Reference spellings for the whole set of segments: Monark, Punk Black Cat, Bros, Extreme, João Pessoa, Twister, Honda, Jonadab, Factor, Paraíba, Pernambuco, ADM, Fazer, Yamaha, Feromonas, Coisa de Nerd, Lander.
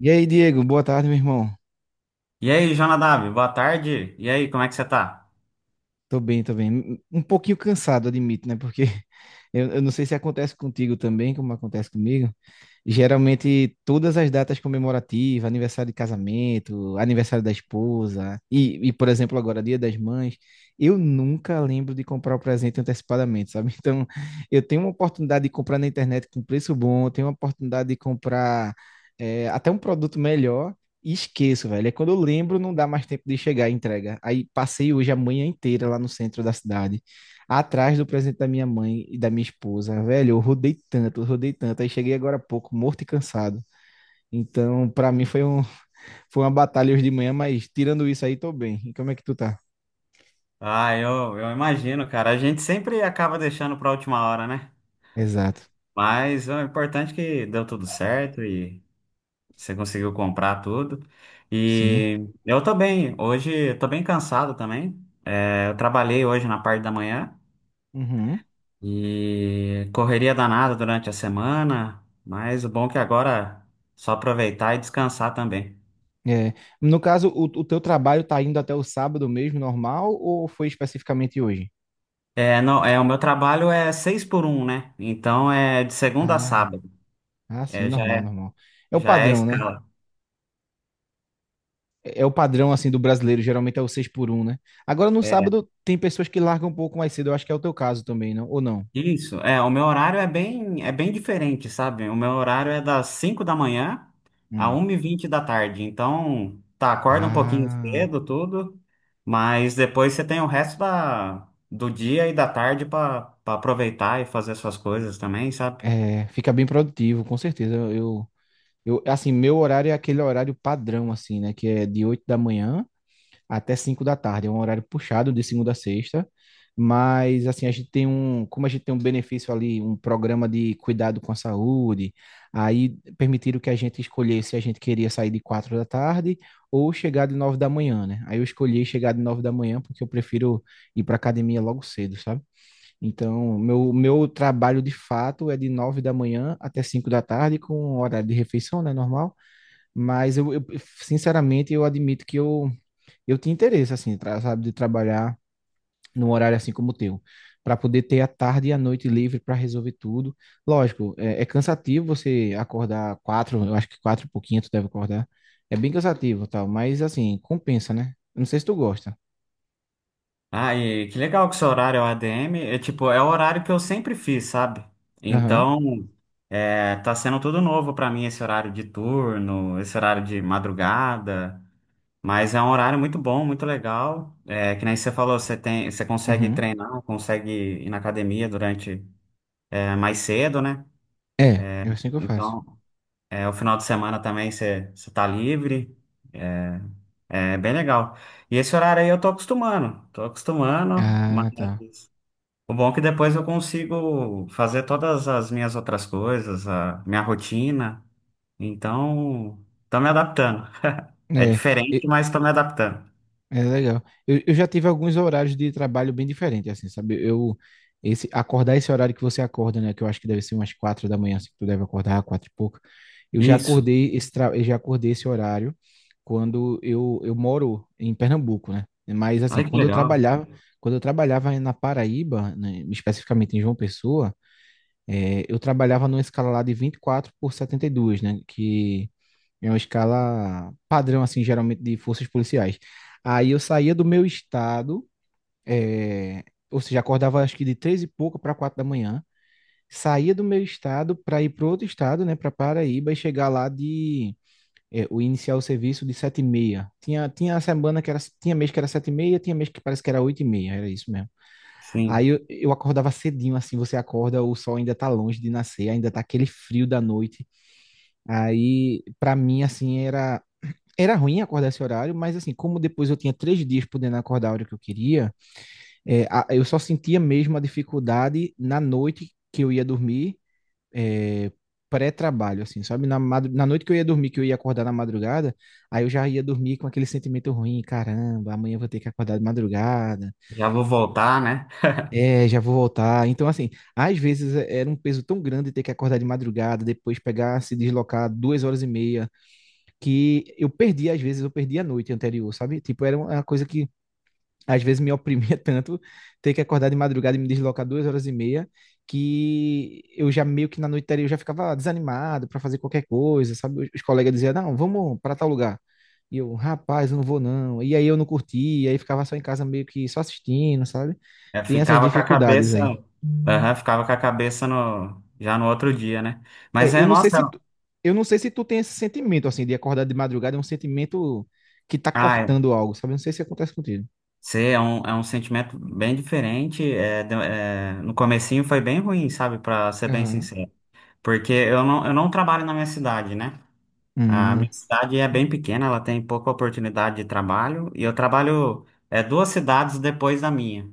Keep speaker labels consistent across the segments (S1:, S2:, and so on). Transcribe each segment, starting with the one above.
S1: E aí, Diego, boa tarde, meu irmão.
S2: E aí, Jonadab, boa tarde. E aí, como é que você tá?
S1: Tô bem, tô bem. Um pouquinho cansado, admito, né? Porque eu não sei se acontece contigo também, como acontece comigo. Geralmente, todas as datas comemorativas, aniversário de casamento, aniversário da esposa, e, por exemplo, agora, Dia das Mães, eu nunca lembro de comprar o presente antecipadamente, sabe? Então, eu tenho uma oportunidade de comprar na internet com preço bom, eu tenho uma oportunidade de comprar. Até um produto melhor. E esqueço, velho. É quando eu lembro, não dá mais tempo de chegar a entrega. Aí passei hoje a manhã inteira lá no centro da cidade, atrás do presente da minha mãe e da minha esposa. Velho, eu rodei tanto, eu rodei tanto. Aí cheguei agora há pouco, morto e cansado. Então, pra mim foi um, foi uma batalha hoje de manhã, mas tirando isso aí, tô bem. E como é que tu tá?
S2: Ah, eu imagino, cara. A gente sempre acaba deixando pra última hora, né?
S1: Exato.
S2: Mas o importante é que deu tudo certo e você conseguiu comprar tudo.
S1: Sim.
S2: E eu tô bem. Hoje eu tô bem cansado também. É, eu trabalhei hoje na parte da manhã
S1: Uhum.
S2: e correria danada durante a semana, mas o bom é que agora é só aproveitar e descansar também.
S1: É. No caso, o teu trabalho tá indo até o sábado mesmo, normal, ou foi especificamente hoje?
S2: É, não, é, o meu trabalho é seis por um, né? Então é de segunda a
S1: Ah,
S2: sábado.
S1: ah, sim,
S2: É, já
S1: normal,
S2: é,
S1: normal. É o
S2: já é a
S1: padrão, né?
S2: escala.
S1: É o padrão assim do brasileiro, geralmente é o 6 por um, né? Agora no
S2: É,
S1: sábado tem pessoas que largam um pouco mais cedo, eu acho que é o teu caso também, não? Ou não?
S2: isso. É, o meu horário é bem diferente, sabe? O meu horário é das 5 da manhã a
S1: Hum.
S2: 1 e vinte da tarde. Então, tá, acorda um pouquinho
S1: Ah,
S2: cedo, tudo, mas depois você tem o resto da, do dia e da tarde para aproveitar e fazer suas coisas também, sabe?
S1: é, fica bem produtivo, com certeza. Eu, assim, meu horário é aquele horário padrão, assim, né? Que é de 8 da manhã até 5 da tarde. É um horário puxado de segunda a sexta, mas assim, a gente tem um, como a gente tem um benefício ali, um programa de cuidado com a saúde, aí permitiram que a gente escolhesse se a gente queria sair de 4 da tarde ou chegar de 9 da manhã, né? Aí eu escolhi chegar de 9 da manhã porque eu prefiro ir para academia logo cedo, sabe? Então, meu trabalho de fato é de 9 da manhã até 5 da tarde com horário de refeição, né, normal. Mas eu, sinceramente, eu admito que eu tinha interesse, assim, sabe, de trabalhar num horário assim como o teu, para poder ter a tarde e a noite livre para resolver tudo. Lógico, é cansativo você acordar quatro, eu acho que quatro e pouquinho tu deve acordar. É bem cansativo, e tal, mas assim, compensa, né? Eu não sei se tu gosta.
S2: Ah, e que legal que seu horário é o ADM. É tipo, é o horário que eu sempre fiz, sabe?
S1: Aham.
S2: Então, é, tá sendo tudo novo pra mim esse horário de turno, esse horário de madrugada. Mas é um horário muito bom, muito legal. É, que nem você falou, você consegue
S1: Uhum.
S2: treinar, consegue ir na academia durante, é, mais cedo, né?
S1: É, é assim que eu faço.
S2: Então, é, o final de semana também você tá livre. É, é bem legal. E esse horário aí eu tô acostumando, mas
S1: Ah, tá.
S2: o bom é que depois eu consigo fazer todas as minhas outras coisas, a minha rotina. Então, tô me adaptando. É
S1: É.
S2: diferente,
S1: e-
S2: mas tô me adaptando.
S1: É legal. Eu já tive alguns horários de trabalho bem diferentes, assim, sabe? Eu, esse, acordar esse horário que você acorda, né? Que eu acho que deve ser umas 4 da manhã, assim, que tu deve acordar, quatro e pouco.
S2: Isso.
S1: Eu já acordei esse horário quando eu moro em Pernambuco, né? Mas, assim,
S2: Olha que
S1: quando eu
S2: legal.
S1: trabalhava, Uhum. Quando eu trabalhava na Paraíba, né, especificamente em João Pessoa, eu trabalhava numa escala lá de 24 por 72, né? Que é uma escala padrão, assim, geralmente de forças policiais. Aí eu saía do meu estado, é, ou seja, acordava acho que de três e pouco para 4 da manhã, saía do meu estado para ir para outro estado, né, para Paraíba e chegar lá de o iniciar o serviço de 7:30. Tinha semana que era, tinha mês que era 7:30, tinha mês que parece que era 8:30, era isso mesmo. Aí
S2: Sim.
S1: eu acordava cedinho, assim, você acorda, o sol ainda tá longe de nascer, ainda tá aquele frio da noite. Aí, pra mim, assim, era ruim acordar esse horário, mas assim, como depois eu tinha 3 dias podendo acordar a hora que eu queria, eu só sentia mesmo a dificuldade na noite que eu ia dormir, é, pré-trabalho, assim, sabe? Na noite que eu ia dormir, que eu ia acordar na madrugada, aí eu já ia dormir com aquele sentimento ruim, caramba, amanhã eu vou ter que acordar de madrugada.
S2: Já vou voltar, né?
S1: É, já vou voltar. Então, assim, às vezes era um peso tão grande ter que acordar de madrugada, depois pegar, se deslocar 2 horas e meia, que eu perdi, às vezes, eu perdi a noite anterior, sabe? Tipo, era uma coisa que às vezes me oprimia tanto ter que acordar de madrugada e me deslocar 2 horas e meia, que eu já meio que na noite eu já ficava desanimado para fazer qualquer coisa, sabe? Os colegas diziam, não, vamos para tal lugar. E eu, rapaz, eu não vou não. E aí eu não curtia, aí ficava só em casa meio que só assistindo, sabe?
S2: Eu
S1: Tem essas
S2: ficava com a
S1: dificuldades
S2: cabeça.
S1: aí.
S2: Aham, ficava com a cabeça no já no outro dia, né?
S1: É,
S2: Mas
S1: eu
S2: é,
S1: não sei
S2: nossa,
S1: se tu, eu não sei se tu tem esse sentimento assim de acordar de madrugada, é um sentimento que tá
S2: ah,
S1: cortando algo, sabe? Eu não sei se acontece contigo.
S2: é um sentimento bem diferente. É, é, no comecinho foi bem ruim, sabe? Pra ser bem
S1: Aham.
S2: sincero. Porque eu não trabalho na minha cidade, né? A
S1: Hum,
S2: minha cidade é bem pequena, ela tem pouca oportunidade de trabalho e eu trabalho é, duas cidades depois da minha.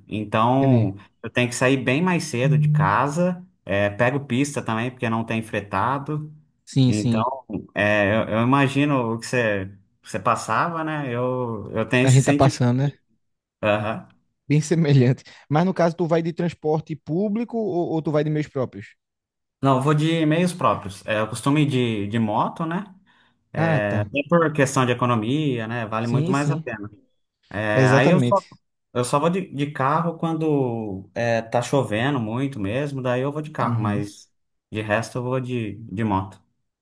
S1: entendi.
S2: Então eu tenho que sair bem mais cedo de casa, é, pego pista também porque não tem fretado.
S1: Sim,
S2: Então
S1: sim.
S2: é, eu imagino o que você passava, né? Eu tenho
S1: A
S2: esse
S1: gente tá
S2: sentimento.
S1: passando, né?
S2: Aham.
S1: Bem semelhante. Mas no caso, tu vai de transporte público ou tu vai de meios próprios?
S2: Não, eu vou de meios próprios. É, eu costumo ir de moto, né?
S1: Ah,
S2: É,
S1: tá.
S2: até por questão de economia, né? Vale muito
S1: Sim,
S2: mais a
S1: sim.
S2: pena. É, aí eu
S1: Exatamente.
S2: só Eu só vou de carro quando é, tá chovendo muito mesmo, daí eu vou de carro,
S1: Uhum.
S2: mas de resto eu vou de moto.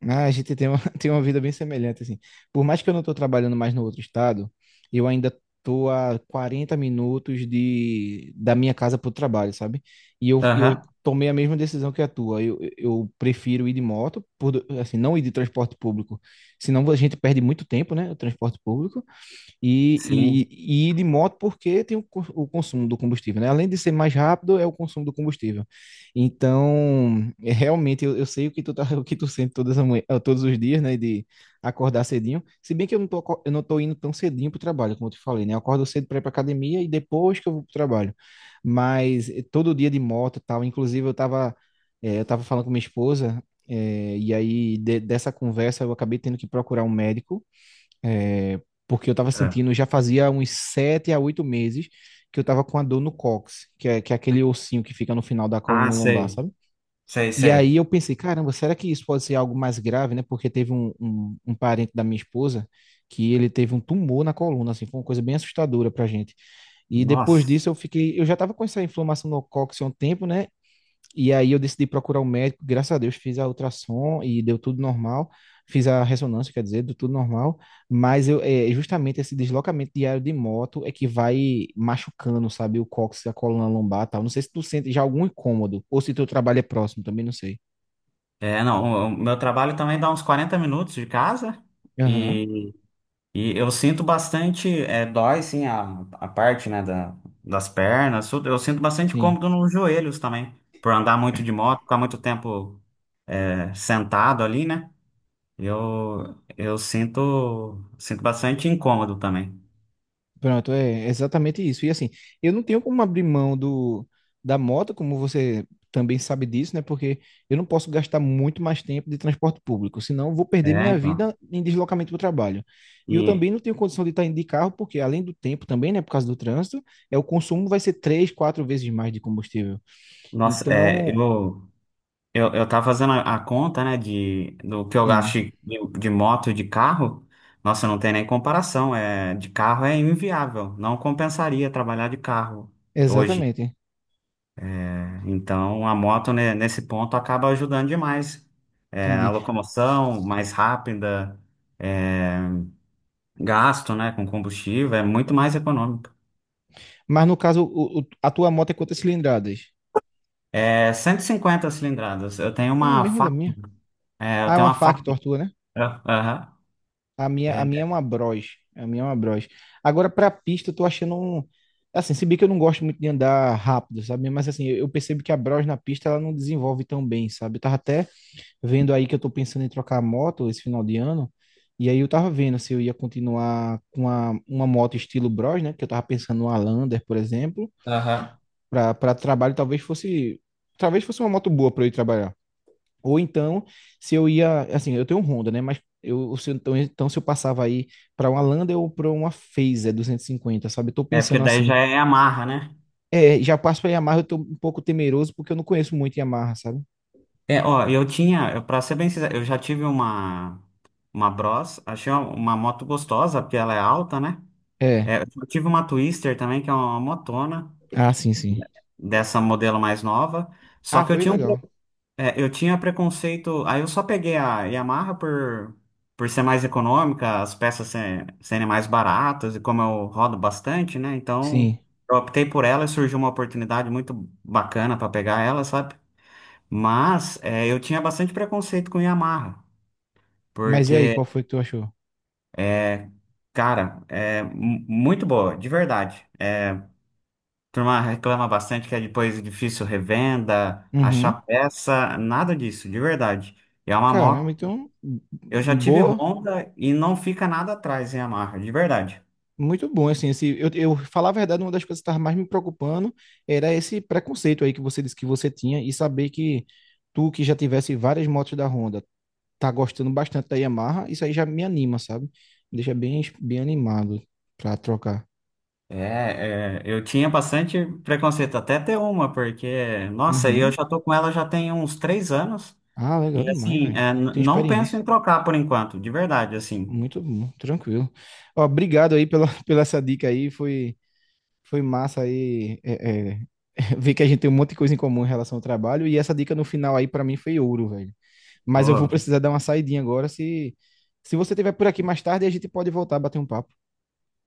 S1: Ah, a gente tem uma, tem uma vida bem semelhante, assim. Por mais que eu não tô trabalhando mais no outro estado, eu ainda tô a 40 minutos da minha casa pro trabalho, sabe? E eu
S2: Aham.
S1: tomei a mesma decisão que a tua. Eu prefiro ir de moto, assim, não ir de transporte público. Senão a gente perde muito tempo, né? O transporte público. e,
S2: Sim.
S1: e ir de moto porque tem o consumo do combustível, né? Além de ser mais rápido, é o consumo do combustível. Então, é, realmente, eu sei o que tu tá, o que tu sente todas as manhã, todos os dias, né? De acordar cedinho. Se bem que eu não tô indo tão cedinho pro trabalho, como eu te falei, né? Eu acordo cedo para ir pra academia e depois que eu vou pro trabalho. Mas todo dia de moto e tal. Inclusive, eu tava falando com minha esposa. É, e aí, dessa conversa, eu acabei tendo que procurar um médico é, porque eu tava
S2: É.
S1: sentindo, já fazia uns 7 a 8 meses que eu tava com a dor no cóccix, que é aquele ossinho que fica no final da
S2: Ah,
S1: coluna lombar,
S2: sei.
S1: sabe?
S2: Sei,
S1: E aí
S2: sei.
S1: eu pensei, caramba, será que isso pode ser algo mais grave, né? Porque teve um parente da minha esposa que ele teve um tumor na coluna, assim, foi uma coisa bem assustadora pra gente. E depois
S2: Nossa.
S1: disso eu fiquei, eu já tava com essa inflamação no cóccix há um tempo, né? E aí eu decidi procurar um médico, graças a Deus fiz a ultrassom e deu tudo normal, fiz a ressonância, quer dizer, deu tudo normal, mas eu, é justamente esse deslocamento diário de moto é que vai machucando, sabe, o cóccix, a coluna lombar e tal. Não sei se tu sente já algum incômodo, ou se teu trabalho é próximo, também não sei.
S2: É, não, o meu trabalho também dá uns 40 minutos de casa
S1: Aham,
S2: e, e eu sinto bastante é, dói, sim, a parte, né, da, das pernas, tudo. Eu sinto bastante
S1: sim.
S2: cômodo nos joelhos também, por andar muito de moto, ficar muito tempo é, sentado ali, né? Sinto bastante incômodo também.
S1: Pronto, é exatamente isso. E assim, eu não tenho como abrir mão da moto, como você também sabe disso, né? Porque eu não posso gastar muito mais tempo de transporte público, senão eu vou perder
S2: É,
S1: minha
S2: então.
S1: vida em deslocamento para o trabalho. E eu também
S2: E,
S1: não tenho condição de estar indo de carro, porque além do tempo também, né, por causa do trânsito, é o consumo vai ser três, quatro vezes mais de combustível.
S2: nossa, é,
S1: Então,
S2: eu tava fazendo a conta, né, de, do que eu gasto
S1: hum,
S2: de moto e de carro. Nossa, não tem nem comparação. É, de carro é inviável. Não compensaria trabalhar de carro hoje.
S1: exatamente,
S2: Então, a moto, né, nesse ponto, acaba ajudando demais. É, a
S1: entendi.
S2: locomoção mais rápida, é, gasto, né, com combustível, é muito mais econômico.
S1: Mas no caso, a tua moto é quantas cilindradas?
S2: É 150 cilindradas. Eu tenho
S1: Ah, a
S2: uma
S1: mesma da
S2: Factor.
S1: minha.
S2: É,
S1: Ah,
S2: eu
S1: é
S2: tenho
S1: uma
S2: uma Factor.
S1: Factor, a tua, né?
S2: Ah, aham.
S1: A minha,
S2: É,
S1: a minha é uma Bros. A minha é uma Bros. Agora, pra pista, eu tô achando um. Assim, se bem que eu não gosto muito de andar rápido, sabe? Mas assim, eu percebo que a Bros na pista ela não desenvolve tão bem, sabe? Eu tava até vendo aí que eu tô pensando em trocar a moto esse final de ano. E aí eu tava vendo se eu ia continuar com a, uma moto estilo Bros, né? Que eu tava pensando numa Lander, por exemplo,
S2: aham.
S1: pra para trabalho talvez fosse uma moto boa pra eu ir trabalhar. Ou então, se eu ia, assim, eu tenho um Honda, né? Mas eu, se eu- então, se eu passava aí para uma Lander ou para uma Fazer 250 sabe? Eu tô
S2: É, porque
S1: pensando
S2: daí já
S1: assim.
S2: é Yamaha, né?
S1: É, já passo para Yamaha, eu tô um pouco temeroso porque eu não conheço muito Yamaha, sabe?
S2: É, ó, pra ser bem sincero, eu já tive uma Bros. Achei uma moto gostosa, porque ela é alta, né?
S1: É.
S2: É, eu tive uma Twister também, que é uma motona,
S1: Ah, sim, sim.
S2: dessa modelo mais nova. Só
S1: Ah,
S2: que eu
S1: foi
S2: tinha um
S1: legal.
S2: é, eu tinha preconceito. Aí eu só peguei a Yamaha por ser mais econômica, as peças serem mais baratas, e como eu rodo bastante, né?
S1: Sim.
S2: Então eu optei por ela e surgiu uma oportunidade muito bacana para pegar ela, sabe? Mas é, eu tinha bastante preconceito com Yamaha,
S1: Mas e aí,
S2: porque,
S1: qual foi que tu achou?
S2: é, cara, é muito boa, de verdade. É, a turma reclama bastante que é depois difícil revenda,
S1: Uhum.
S2: achar peça, nada disso, de verdade. E é uma
S1: Caramba,
S2: moto.
S1: então
S2: Eu já tive
S1: boa,
S2: Honda e não fica nada atrás em Yamaha, de verdade.
S1: muito bom, assim, esse, eu falar a verdade, uma das coisas que estava mais me preocupando era esse preconceito aí que você disse que você tinha e saber que tu que já tivesse várias motos da Honda, tá gostando bastante da Yamaha, isso aí já me anima, sabe? Me deixa bem, bem animado pra trocar.
S2: É, é, eu tinha bastante preconceito até ter uma, porque, nossa, e eu
S1: Uhum.
S2: já tô com ela já tem uns três anos.
S1: Ah, legal
S2: E
S1: demais,
S2: assim,
S1: velho.
S2: é,
S1: Tem
S2: não penso
S1: experiência.
S2: em trocar por enquanto, de verdade, assim.
S1: Muito bom, tranquilo. Ó, obrigado aí pela, pela essa dica aí, foi, massa aí, ver que a gente tem um monte de coisa em comum em relação ao trabalho e essa dica no final aí pra mim foi ouro, velho. Mas eu
S2: Ô,
S1: vou
S2: que,
S1: precisar dar uma saidinha agora. Se você estiver por aqui mais tarde, a gente pode voltar a bater um papo.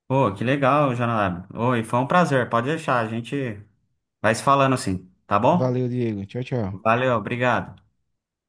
S2: ô, que legal, Jonadab. Ô, e foi um prazer, pode deixar, a gente vai se falando assim, tá bom?
S1: Valeu, Diego. Tchau, tchau.
S2: Valeu, obrigado.